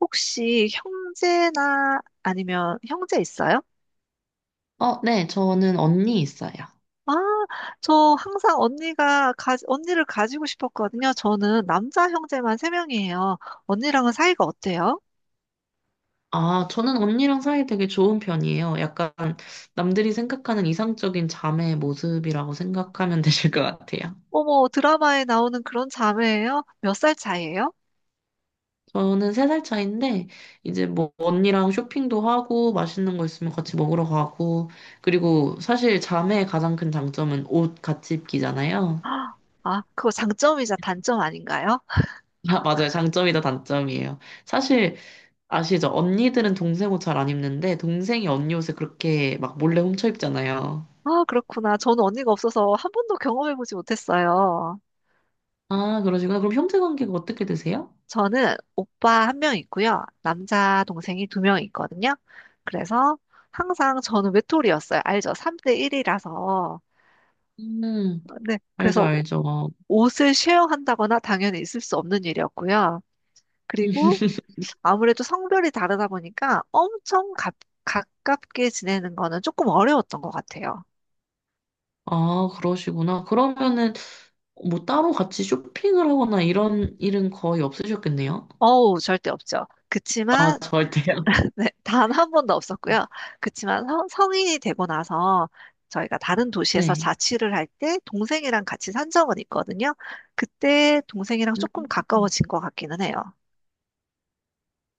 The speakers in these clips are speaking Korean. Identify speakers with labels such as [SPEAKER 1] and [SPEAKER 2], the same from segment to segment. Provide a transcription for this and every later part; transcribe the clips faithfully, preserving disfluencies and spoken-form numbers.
[SPEAKER 1] 혹시 형제나 아니면 형제 있어요?
[SPEAKER 2] 어, 네, 저는 언니 있어요.
[SPEAKER 1] 아, 저 항상 언니가 가, 언니를 가지고 싶었거든요. 저는 남자 형제만 세 명이에요. 언니랑은 사이가 어때요?
[SPEAKER 2] 아, 저는 언니랑 사이 되게 좋은 편이에요. 약간 남들이 생각하는 이상적인 자매의 모습이라고 생각하면 되실 것 같아요.
[SPEAKER 1] 어머, 드라마에 나오는 그런 자매예요? 몇 살 차이예요?
[SPEAKER 2] 저는 세 살 차인데, 이제 뭐 언니랑 쇼핑도 하고, 맛있는 거 있으면 같이 먹으러 가고, 그리고 사실 자매의 가장 큰 장점은 옷 같이 입기잖아요.
[SPEAKER 1] 아, 아, 그거 장점이자 단점 아닌가요?
[SPEAKER 2] 아, 맞아요. 장점이다, 단점이에요. 사실 아시죠? 언니들은 동생 옷 잘 안 입는데, 동생이 언니 옷을 그렇게 막 몰래 훔쳐 입잖아요.
[SPEAKER 1] 아, 그렇구나. 저는 언니가 없어서 한 번도 경험해보지 못했어요.
[SPEAKER 2] 아, 그러시구나. 그럼 형제 관계가 어떻게 되세요?
[SPEAKER 1] 저는 오빠 한 명 있고요. 남자 동생이 두 명 있거든요. 그래서 항상 저는 외톨이였어요. 알죠? 삼 대 일이라서.
[SPEAKER 2] 음,
[SPEAKER 1] 네.
[SPEAKER 2] 알죠,
[SPEAKER 1] 그래서
[SPEAKER 2] 알죠.
[SPEAKER 1] 옷을 쉐어한다거나 당연히 있을 수 없는 일이었고요. 그리고 아무래도 성별이 다르다 보니까 엄청 가, 가깝게 지내는 거는 조금 어려웠던 것 같아요.
[SPEAKER 2] 아, 그러시구나. 그러면은 뭐 따로 같이 쇼핑을 하거나 이런 일은 거의 없으셨겠네요?
[SPEAKER 1] 어우, 절대 없죠.
[SPEAKER 2] 아,
[SPEAKER 1] 그치만
[SPEAKER 2] 절대요.
[SPEAKER 1] 네, 단 한 번도 없었고요. 그치만 성, 성인이 되고 나서 저희가 다른 도시에서
[SPEAKER 2] 네.
[SPEAKER 1] 자취를 할 때 동생이랑 같이 산 적은 있거든요. 그때 동생이랑
[SPEAKER 2] 음,
[SPEAKER 1] 조금 가까워진 것 같기는 해요.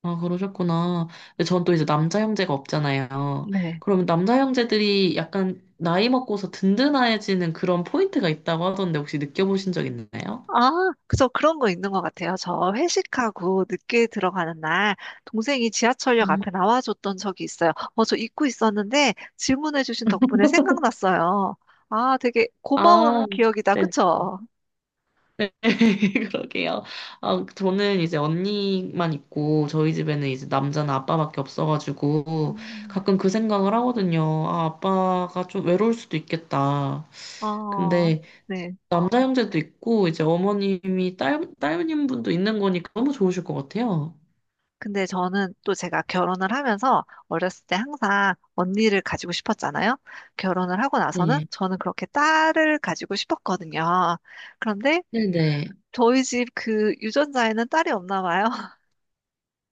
[SPEAKER 2] 아, 그러셨구나. 근데 전 또 이제 남자 형제가 없잖아요.
[SPEAKER 1] 네.
[SPEAKER 2] 그러면 남자 형제들이 약간 나이 먹고서 든든해지는 그런 포인트가 있다고 하던데 혹시 느껴보신 적 있나요?
[SPEAKER 1] 아, 그래서 그런 거 있는 것 같아요. 저 회식하고 늦게 들어가는 날 동생이 지하철역
[SPEAKER 2] 음.
[SPEAKER 1] 앞에 나와줬던 적이 있어요. 어, 저 잊고 있었는데 질문해주신 덕분에 생각났어요. 아, 되게
[SPEAKER 2] 아,
[SPEAKER 1] 고마운 기억이다.
[SPEAKER 2] 네,
[SPEAKER 1] 그쵸?
[SPEAKER 2] 그러게요. 아, 저는 이제 언니만 있고, 저희 집에는 이제 남자는 아빠밖에 없어가지고,
[SPEAKER 1] 음,
[SPEAKER 2] 가끔 그 생각을 하거든요. 아, 아빠가 좀 외로울 수도 있겠다.
[SPEAKER 1] 어,
[SPEAKER 2] 근데
[SPEAKER 1] 네.
[SPEAKER 2] 남자 형제도 있고, 이제 어머님이 딸, 딸님 분도 있는 거니까 너무 좋으실 것 같아요.
[SPEAKER 1] 근데 저는 또 제가 결혼을 하면서 어렸을 때 항상 언니를 가지고 싶었잖아요. 결혼을 하고 나서는
[SPEAKER 2] 네.
[SPEAKER 1] 저는 그렇게 딸을 가지고 싶었거든요. 그런데
[SPEAKER 2] 네네.
[SPEAKER 1] 저희 집 그 유전자에는 딸이 없나 봐요.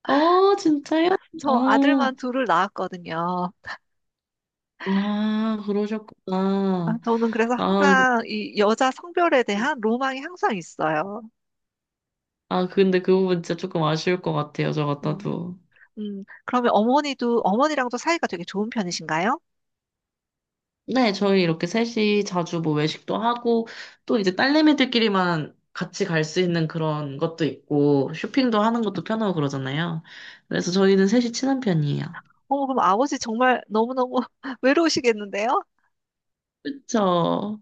[SPEAKER 2] 어, 진짜요?
[SPEAKER 1] 저
[SPEAKER 2] 어,
[SPEAKER 1] 아들만 둘을 낳았거든요.
[SPEAKER 2] 아,
[SPEAKER 1] 아,
[SPEAKER 2] 그러셨구나.
[SPEAKER 1] 저는 그래서
[SPEAKER 2] 아, 그-
[SPEAKER 1] 항상 이 여자 성별에 대한 로망이 항상 있어요.
[SPEAKER 2] 아, 근데 그 부분 진짜 조금 아쉬울 것 같아요, 저
[SPEAKER 1] 음,
[SPEAKER 2] 같아도.
[SPEAKER 1] 음. 그러면 어머니도, 어머니랑도 사이가 되게 좋은 편이신가요?
[SPEAKER 2] 네, 저희 이렇게 셋이 자주 뭐 외식도 하고, 또 이제 딸내미들끼리만 같이 갈 수 있는 그런 것도 있고, 쇼핑도 하는 것도 편하고 그러잖아요. 그래서 저희는 셋이 친한 편이에요.
[SPEAKER 1] 어, 그럼 아버지 정말 너무너무 외로우시겠는데요?
[SPEAKER 2] 그쵸.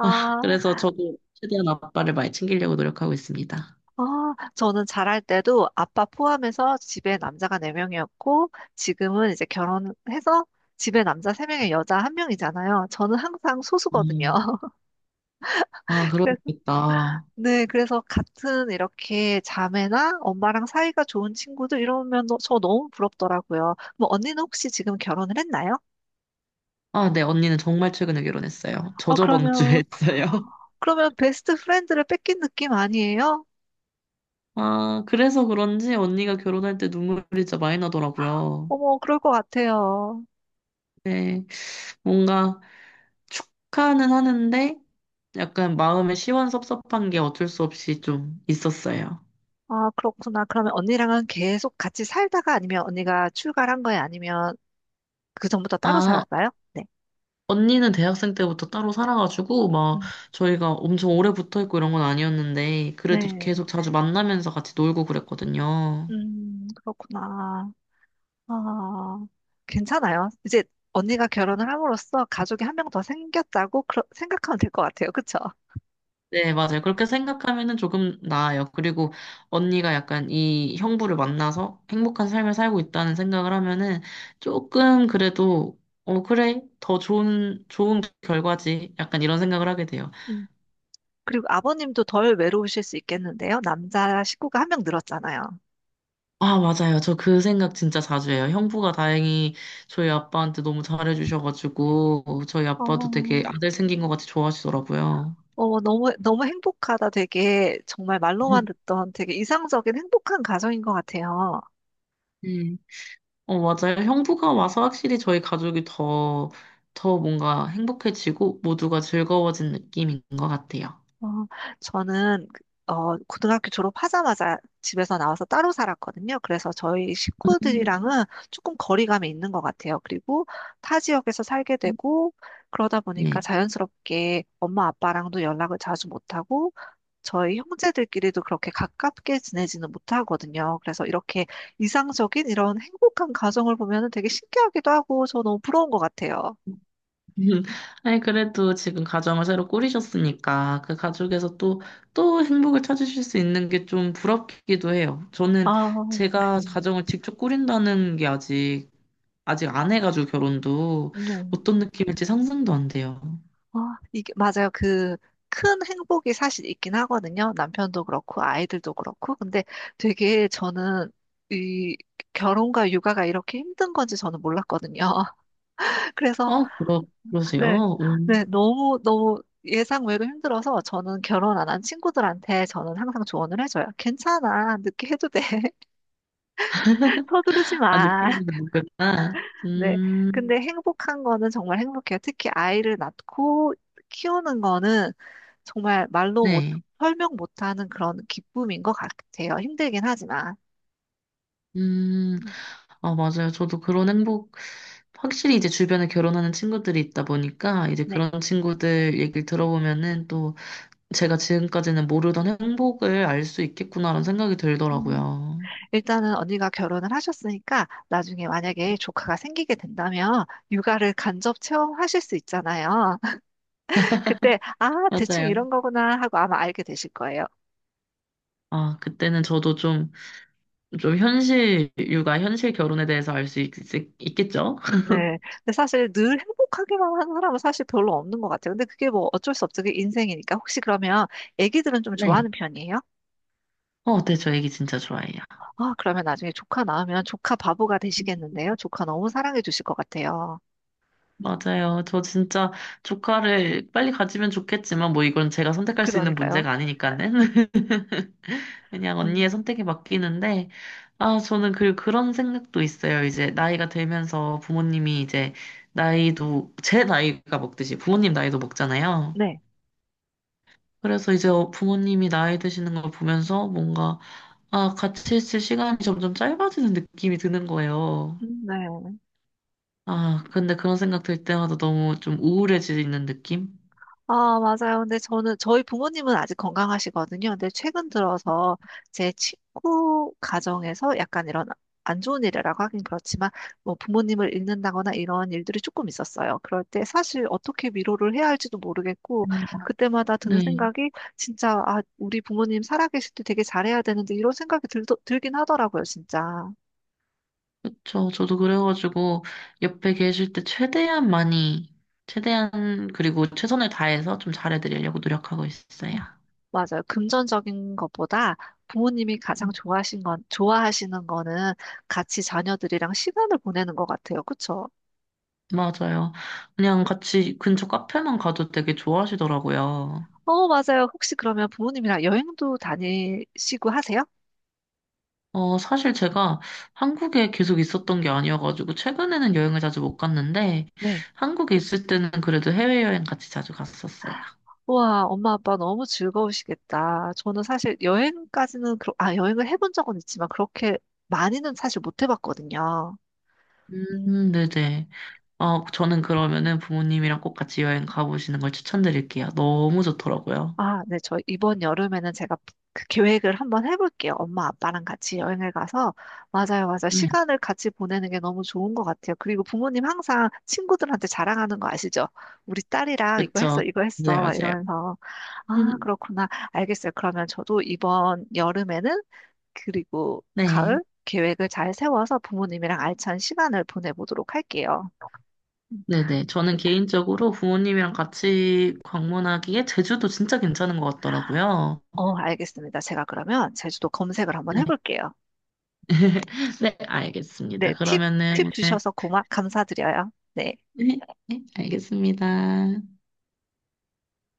[SPEAKER 2] 아, 그래서 저도 최대한 아빠를 많이 챙기려고 노력하고 있습니다.
[SPEAKER 1] 아, 저는 잘할 때도 아빠 포함해서 집에 남자가 네 명이었고, 지금은 이제 결혼해서 집에 남자 세 명에 여자 한 명이잖아요. 저는 항상 소수거든요.
[SPEAKER 2] 음, 아,
[SPEAKER 1] 그래서,
[SPEAKER 2] 그러겠다.
[SPEAKER 1] 네, 그래서 같은 이렇게 자매나 엄마랑 사이가 좋은 친구들 이러면 너- 저 너무 부럽더라고요. 뭐, 언니는 혹시 지금 결혼을 했나요?
[SPEAKER 2] 아, 네, 언니는 정말 최근에 결혼했어요. 저
[SPEAKER 1] 아,
[SPEAKER 2] 저번 주에
[SPEAKER 1] 그러면,
[SPEAKER 2] 했어요.
[SPEAKER 1] 그러면 베스트 프렌드를 뺏긴 느낌 아니에요?
[SPEAKER 2] 아, 그래서 그런지 언니가 결혼할 때 눈물이 진짜 많이 나더라고요.
[SPEAKER 1] 어머, 그럴 것 같아요.
[SPEAKER 2] 네, 뭔가, 축하는 하는데 약간 마음에 시원섭섭한 게 어쩔 수 없이 좀 있었어요.
[SPEAKER 1] 아, 그렇구나. 그러면 언니랑은 계속 같이 살다가 아니면 언니가 출가한 거예요? 아니면 그 전부터 따로
[SPEAKER 2] 아,
[SPEAKER 1] 살았어요? 네.
[SPEAKER 2] 언니는 대학생 때부터 따로 살아가지고 막
[SPEAKER 1] 음,
[SPEAKER 2] 저희가 엄청 오래 붙어 있고 이런 건 아니었는데 그래도
[SPEAKER 1] 네.
[SPEAKER 2] 계속 자주 만나면서 같이 놀고 그랬거든요.
[SPEAKER 1] 음, 그렇구나. 아, 괜찮아요. 이제 언니가 결혼을 함으로써 가족이 한 명 더 생겼다고 그러- 생각하면 될 것 같아요. 그쵸?
[SPEAKER 2] 네, 맞아요. 그렇게 생각하면은 조금 나아요. 그리고 언니가 약간 이 형부를 만나서 행복한 삶을 살고 있다는 생각을 하면은 조금 그래도 어, 그래. 더 좋은, 좋은 결과지. 약간 이런 생각을 하게 돼요.
[SPEAKER 1] 음. 그리고 아버님도 덜 외로우실 수 있겠는데요? 남자 식구가 한 명 늘었잖아요.
[SPEAKER 2] 아, 맞아요. 저 그 생각 진짜 자주 해요. 형부가 다행히 저희 아빠한테 너무 잘해주셔가지고, 저희
[SPEAKER 1] 어,
[SPEAKER 2] 아빠도 되게 아들 생긴 것 같이 좋아하시더라고요.
[SPEAKER 1] 어, 너무, 너무 행복하다. 되게 정말 말로만
[SPEAKER 2] 음,
[SPEAKER 1] 듣던 되게 이상적인 행복한 가정인 것 같아요.
[SPEAKER 2] 음. 어, 맞아요. 형부가 와서 확실히 저희 가족이 더, 더 뭔가 행복해지고, 모두가 즐거워진 느낌인 것 같아요.
[SPEAKER 1] 어, 저는, 그, 어, 고등학교 졸업하자마자 집에서 나와서 따로 살았거든요. 그래서 저희
[SPEAKER 2] 음.
[SPEAKER 1] 식구들이랑은 조금 거리감이 있는 것 같아요. 그리고 타 지역에서 살게 되고, 그러다 보니까
[SPEAKER 2] 네.
[SPEAKER 1] 자연스럽게 엄마 아빠랑도 연락을 자주 못하고, 저희 형제들끼리도 그렇게 가깝게 지내지는 못하거든요. 그래서 이렇게 이상적인 이런 행복한 가정을 보면 되게 신기하기도 하고 저 너무 부러운 것 같아요.
[SPEAKER 2] 음, 아니, 그래도 지금 가정을 새로 꾸리셨으니까 그 가족에서 또, 또 행복을 찾으실 수 있는 게 좀 부럽기도 해요. 저는
[SPEAKER 1] 아,
[SPEAKER 2] 제가
[SPEAKER 1] 네.
[SPEAKER 2] 가정을 직접 꾸린다는 게 아직, 아직 안 해가지고 결혼도
[SPEAKER 1] 네.
[SPEAKER 2] 어떤 느낌일지 상상도 안 돼요.
[SPEAKER 1] 아, 이게 맞아요. 그 큰 행복이 사실 있긴 하거든요. 남편도 그렇고 아이들도 그렇고. 근데 되게 저는 이 결혼과 육아가 이렇게 힘든 건지 저는 몰랐거든요. 그래서
[SPEAKER 2] 어, 그러,
[SPEAKER 1] 네,
[SPEAKER 2] 그러세요? 음,
[SPEAKER 1] 네, 너무, 너무 예상 외로 힘들어서 저는 결혼 안 한 친구들한테 저는 항상 조언을 해줘요. 괜찮아. 늦게 해도 돼. 서두르지
[SPEAKER 2] 아,
[SPEAKER 1] 마.
[SPEAKER 2] 느끼는 거구나.
[SPEAKER 1] 네.
[SPEAKER 2] 음,
[SPEAKER 1] 근데 행복한 거는 정말 행복해요. 특히 아이를 낳고 키우는 거는 정말 말로 못,
[SPEAKER 2] 네.
[SPEAKER 1] 설명 못하는 그런 기쁨인 것 같아요. 힘들긴 하지만.
[SPEAKER 2] 음,
[SPEAKER 1] 음,
[SPEAKER 2] 아, 맞아요. 저도 그런 행복, 확실히 이제 주변에 결혼하는 친구들이 있다 보니까 이제
[SPEAKER 1] 네.
[SPEAKER 2] 그런 친구들 얘기를 들어보면은 또 제가 지금까지는 모르던 행복을 알 수 있겠구나라는 생각이
[SPEAKER 1] 음,
[SPEAKER 2] 들더라고요.
[SPEAKER 1] 일단은 언니가 결혼을 하셨으니까 나중에 만약에 조카가 생기게 된다면 육아를 간접 체험하실 수 있잖아요. 그때, 아, 대충
[SPEAKER 2] 맞아요.
[SPEAKER 1] 이런 거구나 하고 아마 알게 되실 거예요.
[SPEAKER 2] 아, 그때는 저도 좀, 좀 현실, 육아, 현실 결혼에 대해서 알 수 있겠죠?
[SPEAKER 1] 네. 근데 사실 늘 행복하기만 한 사람은 사실 별로 없는 것 같아요. 근데 그게 뭐 어쩔 수 없죠. 그게 인생이니까. 혹시 그러면 애기들은 좀
[SPEAKER 2] 네.
[SPEAKER 1] 좋아하는 편이에요?
[SPEAKER 2] 어, 네, 저 얘기 진짜 좋아해요.
[SPEAKER 1] 아, 그러면 나중에 조카 낳으면 조카 바보가 되시겠는데요? 조카 너무 사랑해 주실 것 같아요.
[SPEAKER 2] 맞아요. 저 진짜 조카를 빨리 가지면 좋겠지만 뭐 이건 제가 선택할 수 있는
[SPEAKER 1] 그러니까요.
[SPEAKER 2] 문제가 아니니까는. 그냥
[SPEAKER 1] 음,
[SPEAKER 2] 언니의 선택에 맡기는데, 아, 저는 그, 그런 생각도 있어요. 이제 나이가 들면서 부모님이 이제 나이도, 제 나이가 먹듯이 부모님 나이도 먹잖아요.
[SPEAKER 1] 네.
[SPEAKER 2] 그래서 이제 어, 부모님이 나이 드시는 걸 보면서 뭔가, 아, 같이 있을 시간이 점점 짧아지는 느낌이 드는 거예요.
[SPEAKER 1] 음, 네.
[SPEAKER 2] 아, 근데 그런 생각 들 때마다 너무 좀 우울해지는 느낌?
[SPEAKER 1] 아, 맞아요. 근데 저는, 저희 부모님은 아직 건강하시거든요. 근데 최근 들어서 제 친구 가정에서 약간 이런 안 좋은 일이라고 하긴 그렇지만, 뭐 부모님을 잃는다거나 이런 일들이 조금 있었어요. 그럴 때 사실 어떻게 위로를 해야 할지도 모르겠고, 그때마다 드는
[SPEAKER 2] 네.
[SPEAKER 1] 생각이 진짜, 아, 우리 부모님 살아계실 때 되게 잘해야 되는데, 이런 생각이 들, 들긴 하더라고요, 진짜.
[SPEAKER 2] 그쵸. 저도 그래가지고 옆에 계실 때 최대한 많이, 최대한 그리고 최선을 다해서 좀 잘해드리려고 노력하고 있어요.
[SPEAKER 1] 맞아요. 금전적인 것보다 부모님이 가장
[SPEAKER 2] 음,
[SPEAKER 1] 좋아하신 건, 좋아하시는 거는 같이 자녀들이랑 시간을 보내는 것 같아요. 그쵸?
[SPEAKER 2] 맞아요. 그냥 같이 근처 카페만 가도 되게 좋아하시더라고요.
[SPEAKER 1] 어, 맞아요. 혹시 그러면 부모님이랑 여행도 다니시고 하세요?
[SPEAKER 2] 어, 사실 제가 한국에 계속 있었던 게 아니어가지고 최근에는 여행을 자주 못 갔는데
[SPEAKER 1] 네.
[SPEAKER 2] 한국에 있을 때는 그래도 해외여행 같이 자주 갔었어요.
[SPEAKER 1] 와, 엄마 아빠 너무 즐거우시겠다. 저는 사실 여행까지는, 그러, 아, 여행을 해본 적은 있지만 그렇게 많이는 사실 못 해봤거든요.
[SPEAKER 2] 음,
[SPEAKER 1] 음,
[SPEAKER 2] 음, 네네. 아, 저는 그러면은 부모님이랑 꼭 같이 여행 가보시는 걸 추천드릴게요. 너무 좋더라고요.
[SPEAKER 1] 아, 네, 저 이번 여름에는 제가 그 계획을 한번 해볼게요. 엄마 아빠랑 같이 여행을 가서, 맞아요, 맞아요.
[SPEAKER 2] 네,
[SPEAKER 1] 시간을 같이 보내는 게 너무 좋은 것 같아요. 그리고 부모님 항상 친구들한테 자랑하는 거 아시죠? 우리 딸이랑 이거
[SPEAKER 2] 그쵸.
[SPEAKER 1] 했어, 이거
[SPEAKER 2] 맞아요,
[SPEAKER 1] 했어, 막
[SPEAKER 2] 맞아요.
[SPEAKER 1] 이러면서. 아,
[SPEAKER 2] 음,
[SPEAKER 1] 그렇구나. 알겠어요. 그러면 저도 이번 여름에는, 그리고
[SPEAKER 2] 네,
[SPEAKER 1] 가을 계획을 잘 세워서 부모님이랑 알찬 시간을 보내보도록 할게요. 음.
[SPEAKER 2] 네네. 저는 개인적으로 부모님이랑 같이 방문하기에 제주도 진짜 괜찮은 것 같더라고요.
[SPEAKER 1] 어, 알겠습니다. 제가 그러면 제주도 검색을 한번
[SPEAKER 2] 네,
[SPEAKER 1] 해볼게요.
[SPEAKER 2] 네,
[SPEAKER 1] 네,
[SPEAKER 2] 알겠습니다.
[SPEAKER 1] 팁, 팁
[SPEAKER 2] 그러면은, 네,
[SPEAKER 1] 주셔서 고마, 감사드려요. 네.
[SPEAKER 2] 네, 네, 알겠습니다.